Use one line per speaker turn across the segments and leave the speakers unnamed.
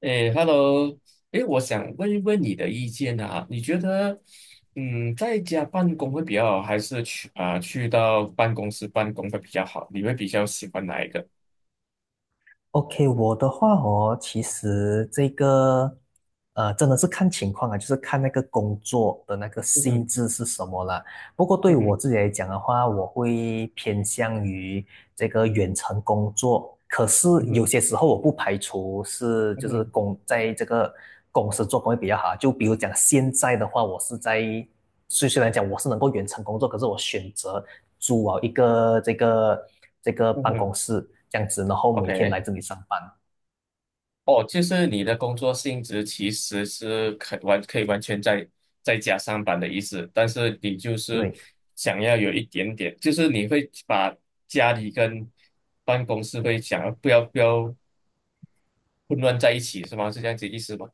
哎 hello 诶，我想问一问你的意见啊，你觉得，在家办公会比较好，还是去到办公室办公会比较好？你会比较喜欢哪一个？
OK，我的话哦，其实这个真的是看情况啊，就是看那个工作的那个
嗯
性
哼，
质是什么啦。不过
嗯
对我
哼，
自己来讲的话，我会偏向于这个远程工作。可是
嗯
有
哼，
些时候我不排除是
嗯
就是
哼，
在这个公司做工会比较好啊。就比如讲现在的话，我是在虽虽然讲我是能够远程工作，可是我选择。租一个这个
嗯
办
哼
公室这样子，然后每天
，OK，
来这里上班。
哦，就是你的工作性质其实是可以完全在家上班的意思，但是你就是
对。
想要有一点点，就是你会把家里跟办公室会想要不要混乱在一起是吗？是这样子意思吗？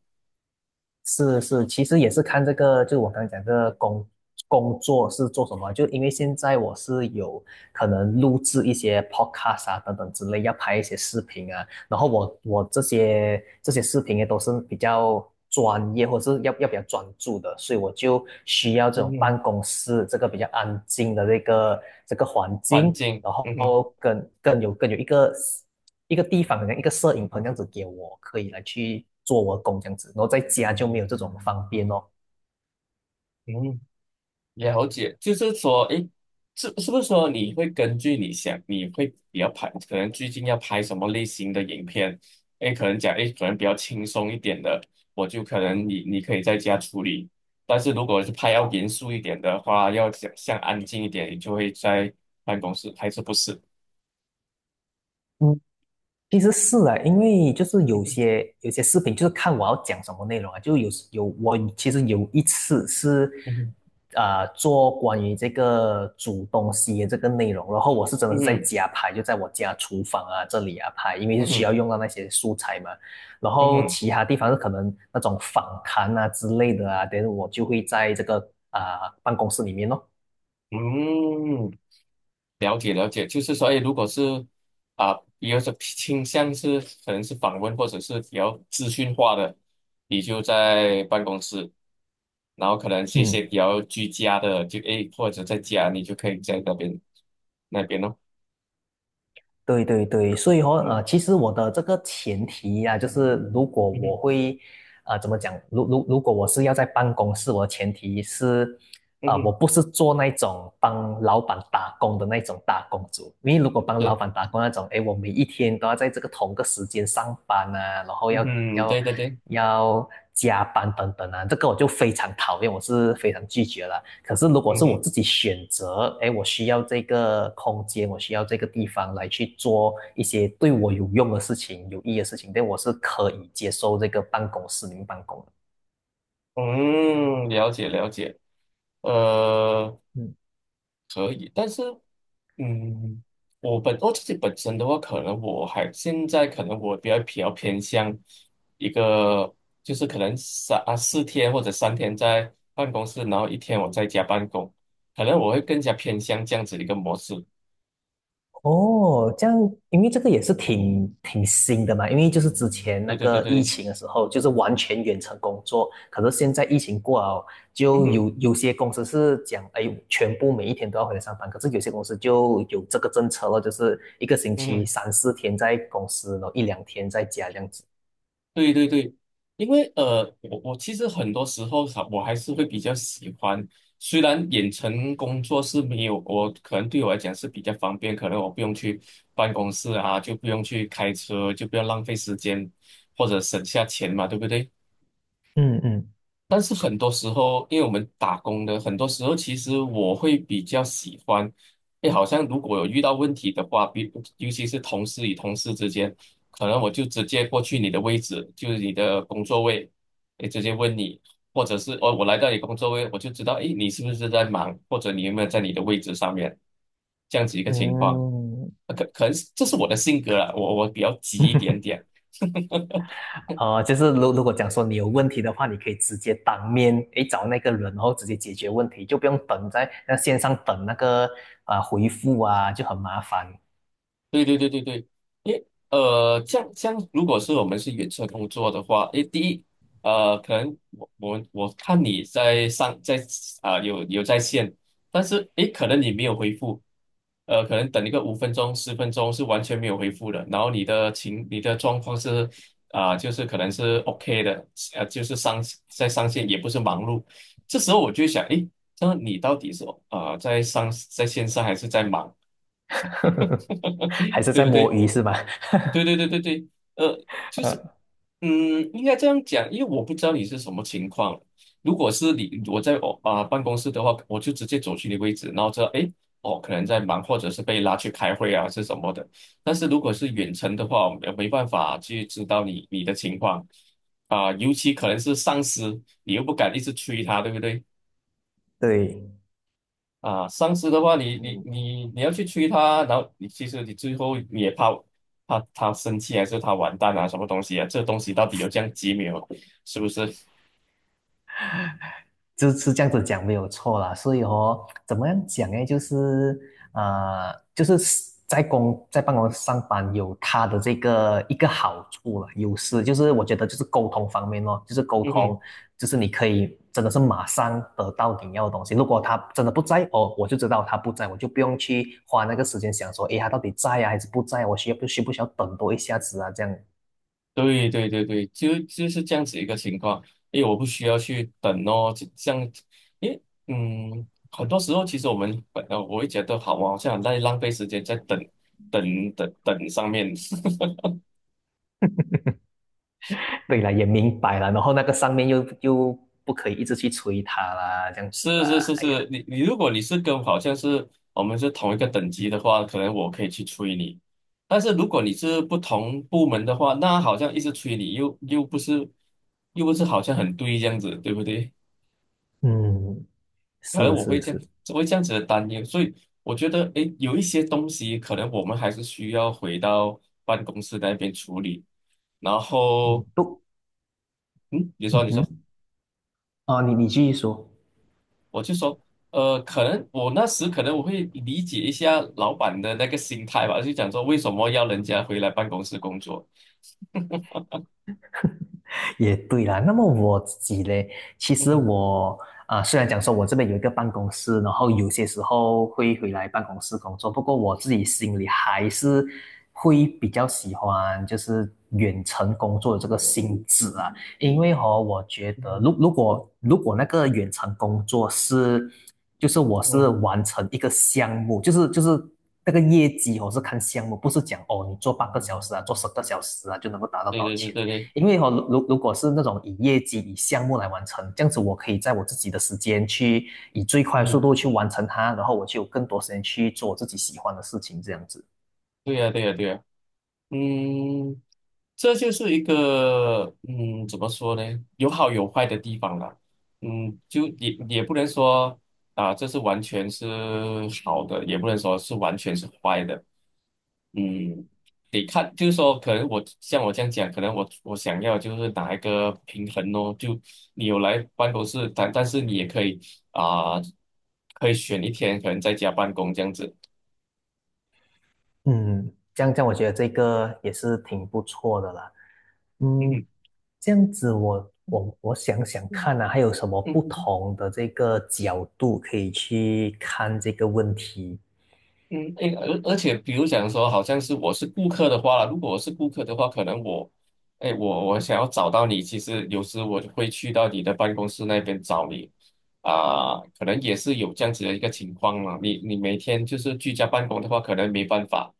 是是，其实也是看这个，就我刚刚讲这个工作是做什么，就因为现在我是有可能录制一些 podcast 啊等等之类，要拍一些视频啊，然后我这些视频也都是比较专业或者是要比较专注的，所以我就需要这
嗯
种
哼，
办公室这个比较安静的这个环
环
境，
境，
然
嗯哼，
后更有一个地方，好像一个摄影棚这样子给我，可以来去做我的工这样子，然后在家就没有这种方便哦。
嗯，了解，就是说，诶，是不是说你会根据你会比较拍，可能最近要拍什么类型的影片？诶，可能讲，诶，可能比较轻松一点的，我就可能你可以在家处理，但是如果是拍要严肃一点的话，要想像安静一点，你就会在办公室，还是不是？
嗯。其实是啊，因为就是有
嗯
些有些视频，就是看我要讲什么内容啊。就有时有我其实有一次是，
哼，
做关于这个煮东西的这个内容，然后我是真的
嗯
是在
哼，
家拍，就在我家厨房啊这里啊拍，因为是
嗯
需
哼，
要用到那些素材嘛。然
嗯哼，
后
嗯哼，
其他地方是可能那种访谈啊之类的啊，等我就会在这个办公室里面咯。
嗯哼嗯。了解了解，就是说，哎，如果是啊，有种倾向是可能是访问或者是比较资讯化的，你就在办公室，然后可能是一些
嗯。
比较居家的，就哎或者在家，你就可以在那边咯。
对对对，所以哦，
嗯
其实我的这个前提呀、就是如果
嗯
我
哼
会，怎么讲？如果我是要在办公室，我的前提是
嗯
我
哼，
不是做那种帮老板打工的那种打工族，因为如果帮老
对，
板打工那种，哎，我每一天都要在这个同个时间上班啊，然后
嗯
要
哼，
要
对对对，
要加班等等啊，这个我就非常讨厌，我是非常拒绝了。可是如果
嗯
是
哼，
我自己选择，哎，我需要这个空间，我需要这个地方来去做一些对我有用的事情、有意义的事情，对，我是可以接受这个办公室里面办公的。
嗯，了解了解，呃，
嗯
可以，但是。嗯，我自己本身的话，可能我还现在可能我比较偏向一个，就是可能3啊4天或者3天在办公室，然后一天我在家办公，可能我会更加偏向这样子一个模式。
哦，这样，因为这个也是挺新的嘛，因为就是之前那
对对对
个疫
对，
情的时候，就是完全远程工作，可是现在疫情过了，
嗯
就
哼
有些公司是讲，哎，全部每一天都要回来上班，可是有些公司就有这个政策了，就是一个星
嗯
期
哼。
三四天在公司，然后一两天在家这样子。
对对对，因为我其实很多时候哈我还是会比较喜欢，虽然远程工作是没有，我可能对我来讲是比较方便，可能我不用去办公室啊，就不用去开车，就不要浪费时间或者省下钱嘛，对不对？
嗯嗯
但是很多时候，因为我们打工的，很多时候其实我会比较喜欢，哎，好像如果有遇到问题的话，尤其是同事与同事之间，可能我就直接过去你的位置，就是你的工作位，哎，直接问你，或者是哦，我来到你工作位，我就知道，哎，你是不是在忙，或者你有没有在你的位置上面，这样子一个情况，
嗯，
可能这是我的性格啦，我比较急一点点，
哦就是如果讲说你有问题的话，你可以直接当面诶找那个人，然后直接解决问题，就不用等在那线上等那个回复啊，就很麻烦。
对对对对对，诶，这样这样，如果是我们是远程工作的话，诶，第一，可能我看你在上在啊、有在线，但是诶，可能你没有回复，可能等一个5分钟10分钟是完全没有回复的，然后你的状况是就是可能是 OK 的，就是在上线也不是忙碌，这时候我就想，诶，那你到底是在线上还是在忙？
还 是
对
在
不
摸
对？
鱼是吧？
对对对对对，呃，就是，应该这样讲，因为我不知道你是什么情况。如果是你我在办公室的话，我就直接走去你位置，然后知道，诶，哦，可能在忙，或者是被拉去开会啊，是什么的。但是如果是远程的话，我没办法去知道你的情况尤其可能是上司，你又不敢一直催他，对不对？
对。
啊，上司的话你，你
嗯。
你你要去催他，然后你其实你最后也怕他生气，还是他完蛋啊，什么东西啊？这东西到底有这样急没有？是不是？
就是这样子讲没有错啦，所以哦，怎么样讲呢？就是就是在办公室上班有他的这个一个好处了，优势就是我觉得就是沟通方面哦，就是沟
嗯哼，
通，就是你可以真的是马上得到你要的东西。如果他真的不在哦，我就知道他不在，我就不用去花那个时间想说，诶，他到底在啊还是不在？我需要不需要等多一下子啊？这样
对对对对，就是这样子一个情况。因为我不需要去等哦，就这样，因为很多时候其实我们本来我会觉得好，啊好像很在浪费时间在等等等等上面。
对了，也明白了，然后那个上面又不可以一直去催他啦，这样子
是
啊，
是是
哎呀，
是，你如果你是跟好像是我们是同一个等级的话，可能我可以去催你。但是如果你是不同部门的话，那好像一直催你，又不是好像很对这样子，对不对？
嗯
可能
是
我会
是
这样，
是，
我会这样子的担忧，所以我觉得，诶，有一些东西可能我们还是需要回到办公室那边处理。然
嗯
后，
不，
嗯，你说
嗯
你说。
哼，哦，你继续说，
我就说，可能我那时可能我会理解一下老板的那个心态吧，就讲说为什么要人家回来办公室工作。
也对啦。那么我自己嘞，其
嗯
实
哼
我虽然讲说我这边有一个办公室，然后有些时候会回来办公室工作，不过我自己心里还是会比较喜欢就是远程工作的这个性质啊。因为哦，我觉
嗯
得
哼
如果那个远程工作是，就是我是
嗯，
完成一个项目，就是那个业绩我是看项目，不是讲哦你做半个小时啊，做10个小时啊就能够达到
对
多少
对对
钱。
对对，
因为哦，如果是那种以业绩、以项目来完成，这样子我可以在我自己的时间去以最
嗯
快速度去
哼，
完成它，然后我就有更多时间去做我自己喜欢的事情，这样子。
对呀对呀对呀。嗯，这就是一个怎么说呢？有好有坏的地方啦。嗯，就也不能说啊，这是完全是好的，也不能说是完全是坏的。嗯，得看，就是说，可能我像我这样讲，可能我想要就是拿一个平衡哦，就你有来办公室，但是你也可以啊、可以选一天，可能在家办公这样子。
嗯，这样这样，我觉得这个也是挺不错的啦。嗯，
嗯
这样子我想想
哼
看啊，还有什么不
嗯
同的这个角度可以去看这个问题？
嗯，诶，而且比如讲说，好像是我是顾客的话，如果我是顾客的话，可能我，哎，我想要找到你，其实有时我就会去到你的办公室那边找你，可能也是有这样子的一个情况嘛。你每天就是居家办公的话，可能没办法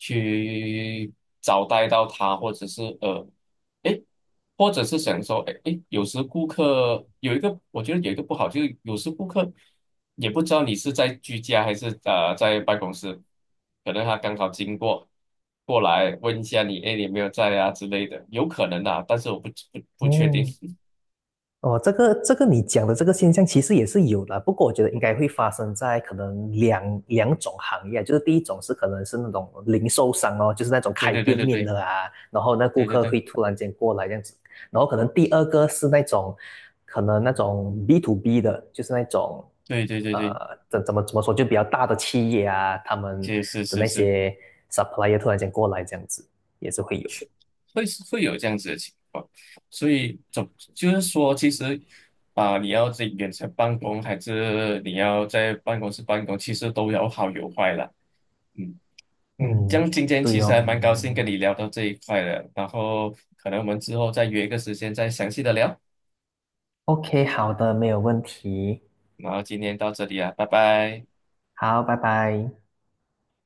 去招待到他，或者是哎，或者是想说，哎哎，有时顾客有一个，我觉得有一个不好，就是有时顾客也不知道你是在居家还是在办公室，可能他刚好经过过来问一下你，哎，你有没有在啊之类的，有可能啊，但是我不确定。
嗯。哦，这个你讲的这个现象其实也是有的，不过我觉得应该会发生在可能两种行业，就是第一种是可能是那种零售商哦，就是那种
对
开
对对
店
对
面
对
的啊，然后那顾
对对
客
对
会突然间过来这样子，然后可能第二个是那种可能那种 B to B 的，就是那种
对对对对，
怎么说，就比较大的企业啊，他们
是是
的
是
那
是。
些 supplier 突然间过来这样子，也是会有。
会有这样子的情况，所以就是说，其实你要在远程办公还是你要在办公室办公，其实都有好有坏啦。嗯嗯，这
嗯，
样今天其
对
实还蛮
哦。
高兴跟你聊到这一块的，然后可能我们之后再约一个时间再详细的聊。
OK,好的，没有问题。
然后今天到这里啊，拜拜。
好，拜拜。